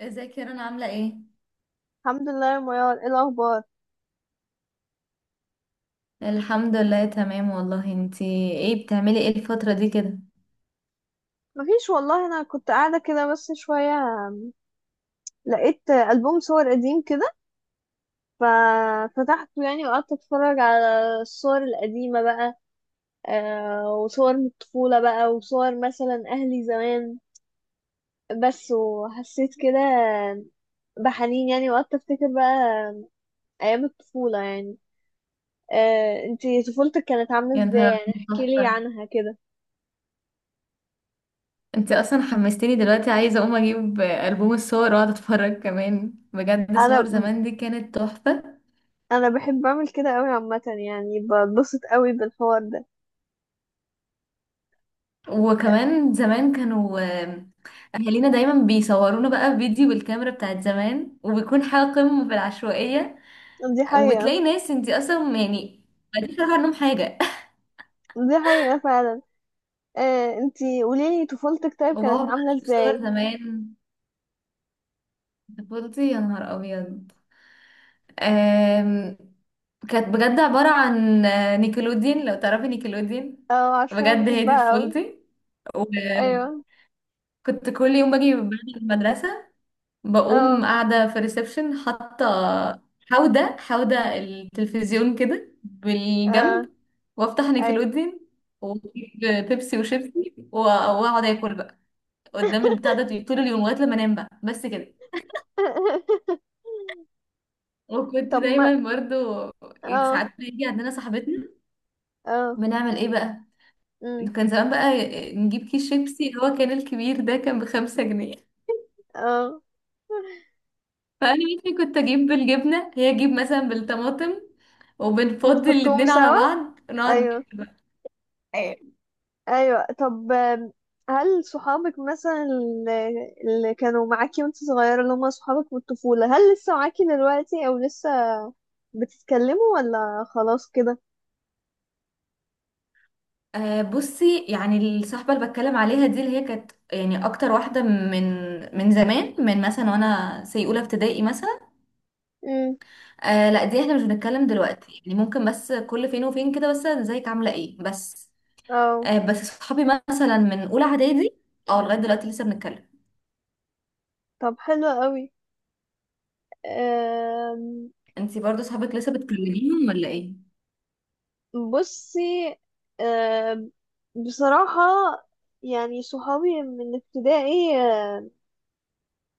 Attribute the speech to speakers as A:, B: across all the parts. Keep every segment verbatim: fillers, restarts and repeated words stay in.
A: ازيك يا رنا عاملة ايه؟
B: الحمد لله يا ميار، ايه الاخبار؟
A: الحمد لله تمام والله انتي. ايه بتعملي ايه الفترة دي كده؟
B: مفيش والله. انا كنت قاعده كده بس شويه. لقيت البوم صور قديم كده ففتحته يعني وقعدت اتفرج على الصور القديمه بقى. آه وصور من الطفوله بقى، وصور مثلا اهلي زمان بس. وحسيت كده بحنين يعني وقعدت افتكر بقى ايام الطفوله يعني. آه انتي طفولتك كانت عامله
A: يا
B: ازاي
A: نهار
B: يعني؟
A: أبيض،
B: احكيلي
A: تحفة.
B: عنها كده.
A: انتي اصلا حمستيني دلوقتي، عايزة اقوم اجيب ألبوم الصور واقعد اتفرج كمان، بجد صور
B: انا
A: زمان دي كانت تحفة.
B: انا بحب اعمل كده قوي عامه يعني، بتبسط قوي بالحوار ده.
A: وكمان زمان كانوا آه، اهالينا دايما بيصورونا بقى فيديو بالكاميرا بتاعت زمان، وبيكون حاجة قمة في العشوائية.
B: دي حقيقة.
A: وبتلاقي ناس انتي اصلا يعني ما فاكرة عنهم حاجة.
B: دي حقيقة فعلا. آه، انتي قوليلي طفولتك طيب، كانت
A: وبقعد بقى
B: عاملة
A: اشوف صور
B: ازاي؟
A: زمان. طفولتي يا نهار ابيض، آم، كانت بجد عبارة عن آه، نيكلوديان، لو تعرفي نيكلوديان.
B: اه، عشان أنا
A: بجد هي دي
B: بحبها اوي.
A: طفولتي. وكنت
B: ايوه.
A: كل يوم باجي بعد المدرسة،
B: اه.
A: بقوم قاعدة في الريسبشن، حاطة حودة حودة التلفزيون كده
B: اه.
A: بالجنب، وافتح
B: ايوه.
A: نيكلوديان واجيب بيبسي وشيبسي و- واقعد اكل بقى قدام البتاع ده طول اليوم لغاية لما انام بقى، بس كده. وكنت
B: طب ما
A: دايما برضو
B: اه.
A: ساعات بيجي عندنا صاحبتنا،
B: اه.
A: بنعمل ايه بقى؟
B: أمم،
A: كان زمان بقى نجيب كيس شيبسي اللي هو كان الكبير ده كان بخمسة جنيه،
B: اه
A: فانا مثلا كنت اجيب بالجبنه، هي تجيب مثلا بالطماطم، وبنفضي
B: وتحطوهم
A: الاتنين على
B: سوا؟
A: بعض ونقعد
B: ايوه.
A: ناكل بقى. أيوة.
B: ايوه. طب آم، هل صحابك مثلا اللي اللي كانوا معاكي وانت صغيرة، اللي هم صحابك من الطفولة، هل لسه معاكي دلوقتي؟ او لسه بتتكلموا ولا خلاص كده؟
A: آه بصي، يعني الصحبه اللي بتكلم عليها دي اللي هي كانت يعني اكتر واحده من من زمان، من مثلا وانا سي اولى ابتدائي مثلا. آه لا دي احنا مش بنتكلم دلوقتي، يعني ممكن بس كل فين وفين كده، بس ازيك عامله ايه بس.
B: اه.
A: آه، بس صحابي مثلا من اولى اعدادي اه لغايه دلوقتي لسه بنتكلم.
B: طب حلو قوي. أم،
A: انتي برضو صحابك لسه بتكلميهم ولا ايه؟
B: بصي. أم، بصراحة يعني صحابي من ابتدائي. أم،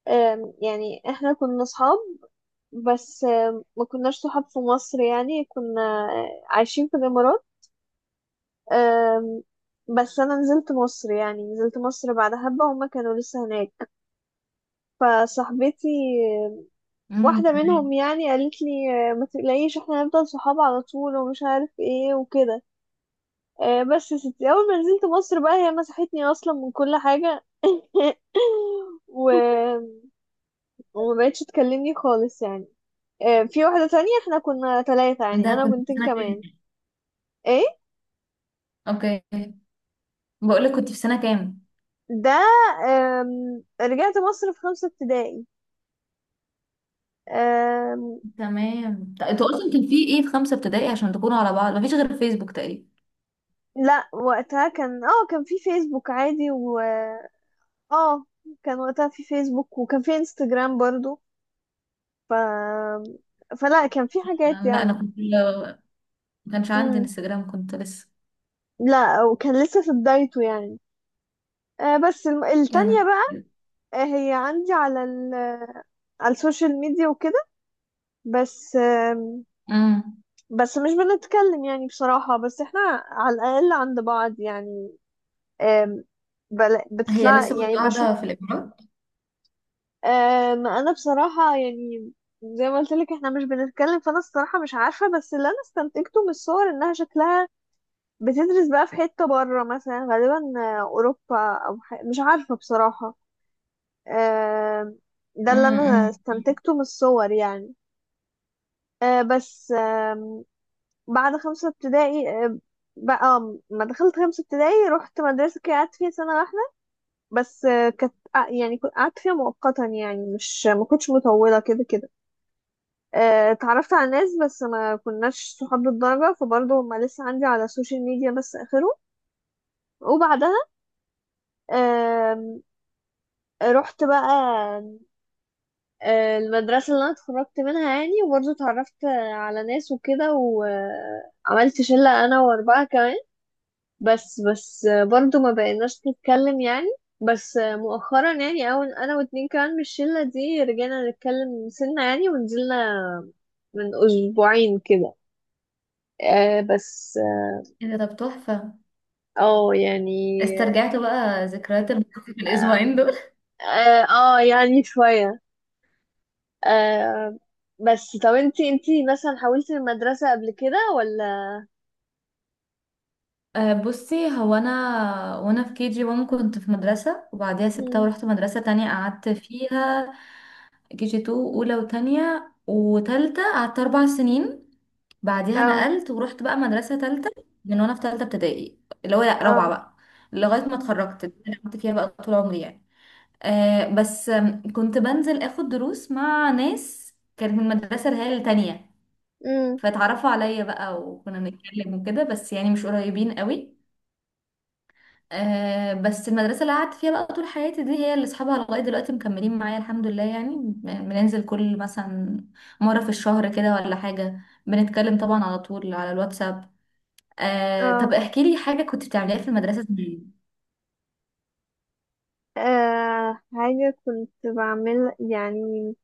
B: أم، يعني احنا كنا صحاب، بس أم، ما كناش صحاب في مصر. يعني كنا عايشين في الإمارات. أم، بس أنا نزلت مصر، يعني نزلت مصر بعد حبة، هما كانوا لسه هناك. فصاحبتي
A: امم
B: واحدة
A: تمام.
B: منهم يعني قالت لي آه، ما تقلقيش، احنا هنفضل صحاب على طول ومش عارف ايه وكده. آه، بس يا ستي، اول ما نزلت مصر بقى هي مسحتني اصلا من كل حاجة و... وما بقتش تكلمني خالص يعني. آه، في واحدة تانية، احنا كنا ثلاثة يعني،
A: ده
B: انا
A: كنت في
B: وبنتين
A: سنه
B: كمان.
A: كام؟
B: ايه
A: اوكي بقول لك كنت في سنه كام؟
B: ده؟ آم، رجعت مصر في خمسة ابتدائي. آم،
A: تمام. ط- انتوا اصلا كان في ايه في خمسه ابتدائي عشان تكونوا على بعض؟ مفيش غير فيسبوك تقريبا.
B: لا، وقتها كان اه كان في فيسبوك عادي، و اه كان وقتها في فيسبوك، وكان في انستجرام برضو. ف فلا كان في حاجات
A: لا انا
B: يعني.
A: كنت، ما كانش عندي
B: امم
A: انستجرام، كنت لسه
B: لا، وكان لسه في بدايته يعني. آه بس الم... التانية
A: يعني.
B: بقى. آه هي عندي على ال... على السوشيال ميديا وكده. بس آم،
A: امم.
B: بس مش بنتكلم يعني بصراحة، بس احنا على الأقل عند بعض يعني. آم، بل...
A: هي
B: بتطلع
A: لسه برضو
B: يعني بشوف.
A: قاعده في الامارات.
B: أم، انا بصراحة يعني زي ما قلت لك احنا مش بنتكلم، فانا الصراحة مش عارفة، بس اللي انا استنتجته من الصور انها شكلها بتدرس بقى في حتة بره، مثلا غالبا آه، اوروبا او ح... مش عارفة بصراحة. أم، ده اللي
A: امم. امم.
B: انا استنتجته من الصور يعني. أه، بس أم، بعد خمسة ابتدائي أه، بقى آه، ما دخلت خمسة ابتدائي رحت مدرسة كده قعدت فيها سنة واحدة بس. آه، كانت آه، يعني كنت قعدت فيها مؤقتا يعني، مش ما كنتش مطولة كده كده. آه، اتعرفت على ناس بس ما كناش صحاب بالدرجة، فبرضه هما لسه عندي على السوشيال ميديا بس آخره. وبعدها آم، رحت بقى آه، المدرسة اللي أنا اتخرجت منها يعني، وبرضه اتعرفت آه، على ناس وكده، وعملت شلة أنا وأربعة كمان. بس بس آه، برضه ما بقيناش نتكلم يعني. بس آه، مؤخرا يعني، أول أنا واتنين كمان من الشلة دي رجعنا نتكلم سنة يعني، ونزلنا من أسبوعين كده. آه، بس آه،
A: ايه ده، طب تحفه،
B: اه يعني.
A: استرجعتوا بقى ذكريات المدرسة في الاسبوعين.
B: اه. آه، يعني شوية. آه بس طب انتي انتي مثلا حاولتي المدرسة قبل كده ولا؟
A: أه بصي، هو انا وانا في كي جي واحد كنت في مدرسه، وبعديها سبتها
B: مم.
A: ورحت مدرسه تانية قعدت فيها كي جي اتنين اولى وتانية وتالتة، قعدت اربع سنين. بعديها
B: اه.
A: نقلت ورحت بقى مدرسه تالتة، من وانا في تالتة ابتدائي، اللي هو لأ، رابعه
B: اه.
A: بقى، لغايه ما اتخرجت، اللي انا قعدت فيها بقى طول عمري يعني. أه بس آم، كنت بنزل اخد دروس مع ناس كانت من المدرسه اللي هي التانية،
B: مم.
A: فاتعرفوا عليا بقى وكنا بنتكلم وكده، بس يعني مش قريبين قوي. آه بس المدرسة اللي قعدت فيها بقى طول حياتي دي هي اللي اصحابها لغاية دلوقتي مكملين معايا الحمد لله، يعني ب- بننزل كل مثلا مرة في الشهر كده ولا حاجة، بنتكلم طبعا على طول على الواتساب. آه طب
B: اه.
A: احكي لي حاجة كنت بتعمليها في المدرسة زمان.
B: آه، حاجة كنت بعمل يعني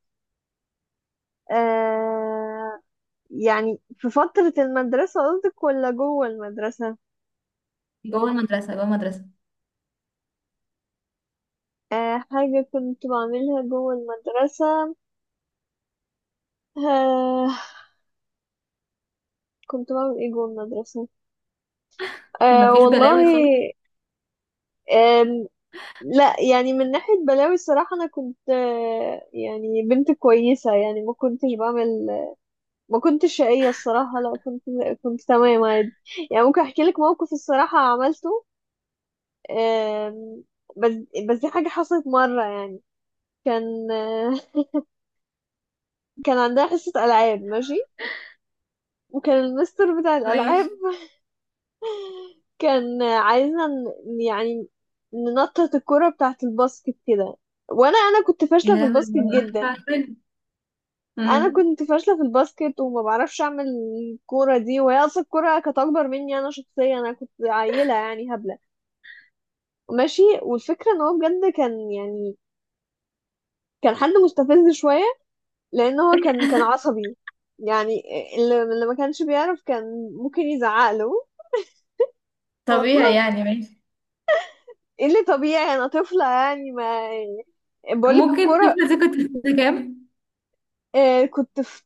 B: آه يعني، في فترة المدرسة قصدك ولا جوه المدرسة؟
A: جوه المدرسة جوه المدرسة.
B: آه حاجة كنت بعملها جوه المدرسة. آه كنت بعمل ايه جوه المدرسة؟ آه
A: مفيش
B: والله.
A: بلاوي خالص.
B: لا، يعني من ناحية بلاوي الصراحة أنا كنت آه، يعني بنت كويسة يعني، ما كنتش بعمل. ما كنتش شقية الصراحة، لا كنت كنت تمام عادي. يعني ممكن أحكي لك موقف الصراحة عملته. آم، بس بس دي حاجة حصلت مرة يعني. كان آه، كان عندها حصة ألعاب ماشي، وكان المستر بتاع الألعاب
A: ماشي.
B: كان عايزنا ن- يعني ننطط الكرة بتاعة الباسكت كده. وأنا أنا كنت فاشلة
A: يا
B: في الباسكت
A: لهوي،
B: جدا.
A: عارفة عارفة.
B: انا
A: امم.
B: كنت فاشله في الباسكت وما بعرفش اعمل الكوره دي، وهي اصلا الكوره كانت اكبر مني انا شخصيا. انا كنت عيله يعني هبله ماشي. والفكره ان هو بجد كان يعني كان حد مستفز شويه، لان هو كان كان عصبي يعني. اللي اللي ما كانش بيعرف كان ممكن يزعق له. والله،
A: طبيعي يعني، ماشي.
B: ايه اللي طبيعي، انا طفله يعني، ما بقولك
A: ممكن
B: الكوره.
A: تفلسي، كنت في سنة كام؟
B: آه، كنت في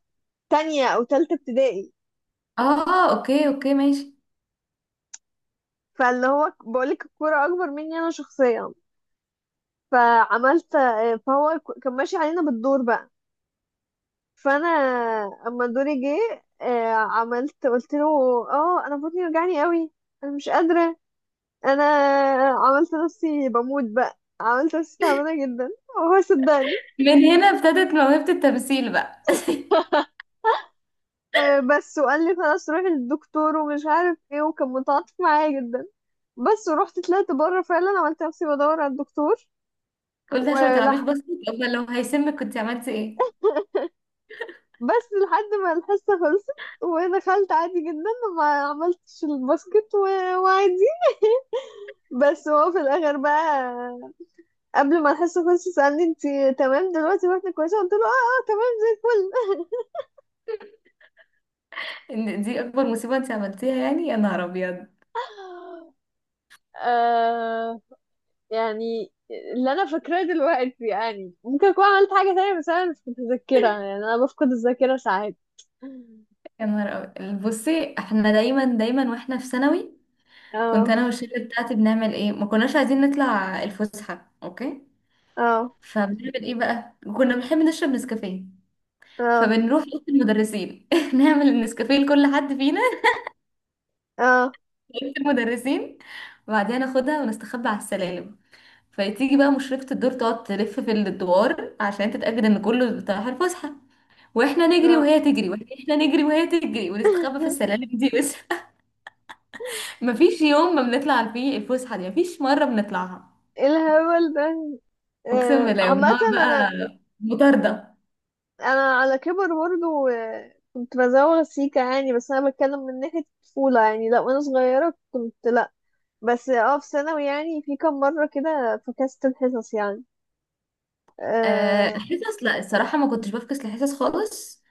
B: تانية او تالتة ابتدائي.
A: اه اوكي اوكي ماشي.
B: فاللي هو بقولك الكوره اكبر مني انا شخصيا. فعملت آه، فهو ك- كان ماشي علينا بالدور بقى. فانا اما دوري جه آه، عملت قلت له اه انا بطني وجعني قوي، انا مش قادره. انا عملت نفسي بموت بقى، عملت نفسي تعبانه جدا وهو صدقني.
A: من هنا ابتدت موهبة التمثيل بقى.
B: آه، بس وقال لي خلاص روحي للدكتور ومش عارف ايه، وكان متعاطف معايا جدا. بس ورحت طلعت بره فعلا، عملت نفسي بدور على
A: قلت عشان ما تلعبيش
B: الدكتور
A: باسكت، امال لو هيسمك كنت عملتي ايه؟
B: بس لحد ما الحصة خلصت. ودخلت عادي جدا، ما عملتش الباسكت و- وعادي. بس هو في الآخر بقى قبل ما الحصة خلصت سألني انتي تمام دلوقتي واحنا كويسة، قلت له اه اه تمام زي الفل.
A: ان دي اكبر مصيبه انت عملتيها يعني، يا نهار ابيض.
B: آه يعني اللي انا فاكراه دلوقتي، يعني ممكن اكون عملت حاجة تانية بس انا مش متذكرة. يعني انا بفقد الذاكرة ساعات.
A: يا نهار ابيض، بصي احنا دايما دايما واحنا في ثانوي، كنت
B: اه.
A: انا والشله بتاعتي بنعمل ايه؟ ما كناش عايزين نطلع الفسحه، اوكي.
B: اه.
A: فبنعمل ايه بقى؟ كنا بنحب نشرب نسكافيه،
B: اه.
A: فبنروح اوضه المدرسين نعمل النسكافيه لكل حد فينا.
B: اه.
A: أوضة المدرسين، وبعدين ناخدها ونستخبى على السلالم، فتيجي بقى مشرفة الدور تقعد تلف في الدوار عشان تتأكد ان كله رايح الفسحة، واحنا نجري
B: اه.
A: وهي تجري واحنا نجري وهي تجري ونستخبى في السلالم دي بس. مفيش يوم ما بنطلع فيه الفسحه دي، مفيش مره بنطلعها،
B: ايه الهبل ده.
A: اقسم
B: آه،
A: بالله،
B: عامة
A: ونقعد
B: أنا
A: بقى مطارده.
B: انا على كبر برضه آه، كنت بزوغ سيكا يعني. بس انا بتكلم من ناحية الطفولة يعني، لا وانا صغيرة كنت لا. بس اه في ثانوي يعني، في كام مرة كده فكست الحصص يعني.
A: آه،
B: آه.
A: حصص لا الصراحه ما كنتش بفكس لحصص خالص،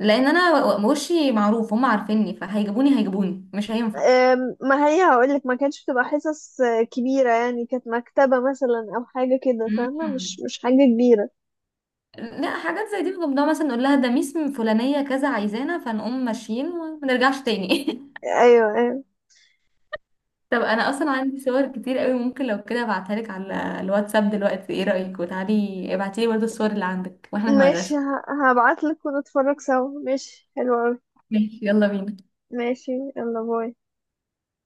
A: لان انا و- وشي معروف، هم عارفيني فهيجيبوني، هيجيبوني مش هينفع.
B: آه. ما هي هقولك ما كانتش بتبقى حصص آه، كبيرة يعني، كانت مكتبة مثلا أو حاجة كده فاهمة، مش
A: مم.
B: مش حاجة كبيرة.
A: لا حاجات زي دي بنقوم ده مثلا نقول لها ده ميس فلانيه كذا عايزانا، فنقوم ماشيين وما نرجعش تاني.
B: أيوة. أيوة.
A: طب انا اصلا عندي صور كتير قوي، ممكن لو كده ابعتها لك على الواتساب دلوقتي، ايه رأيك؟ وتعالي ابعتي لي برضه الصور اللي عندك واحنا في
B: ماشي.
A: المدرسة.
B: ه- هبعتلك ونتفرج سوا. ماشي حلو أوي.
A: ماشي يلا بينا.
B: ماشي. يلا باي.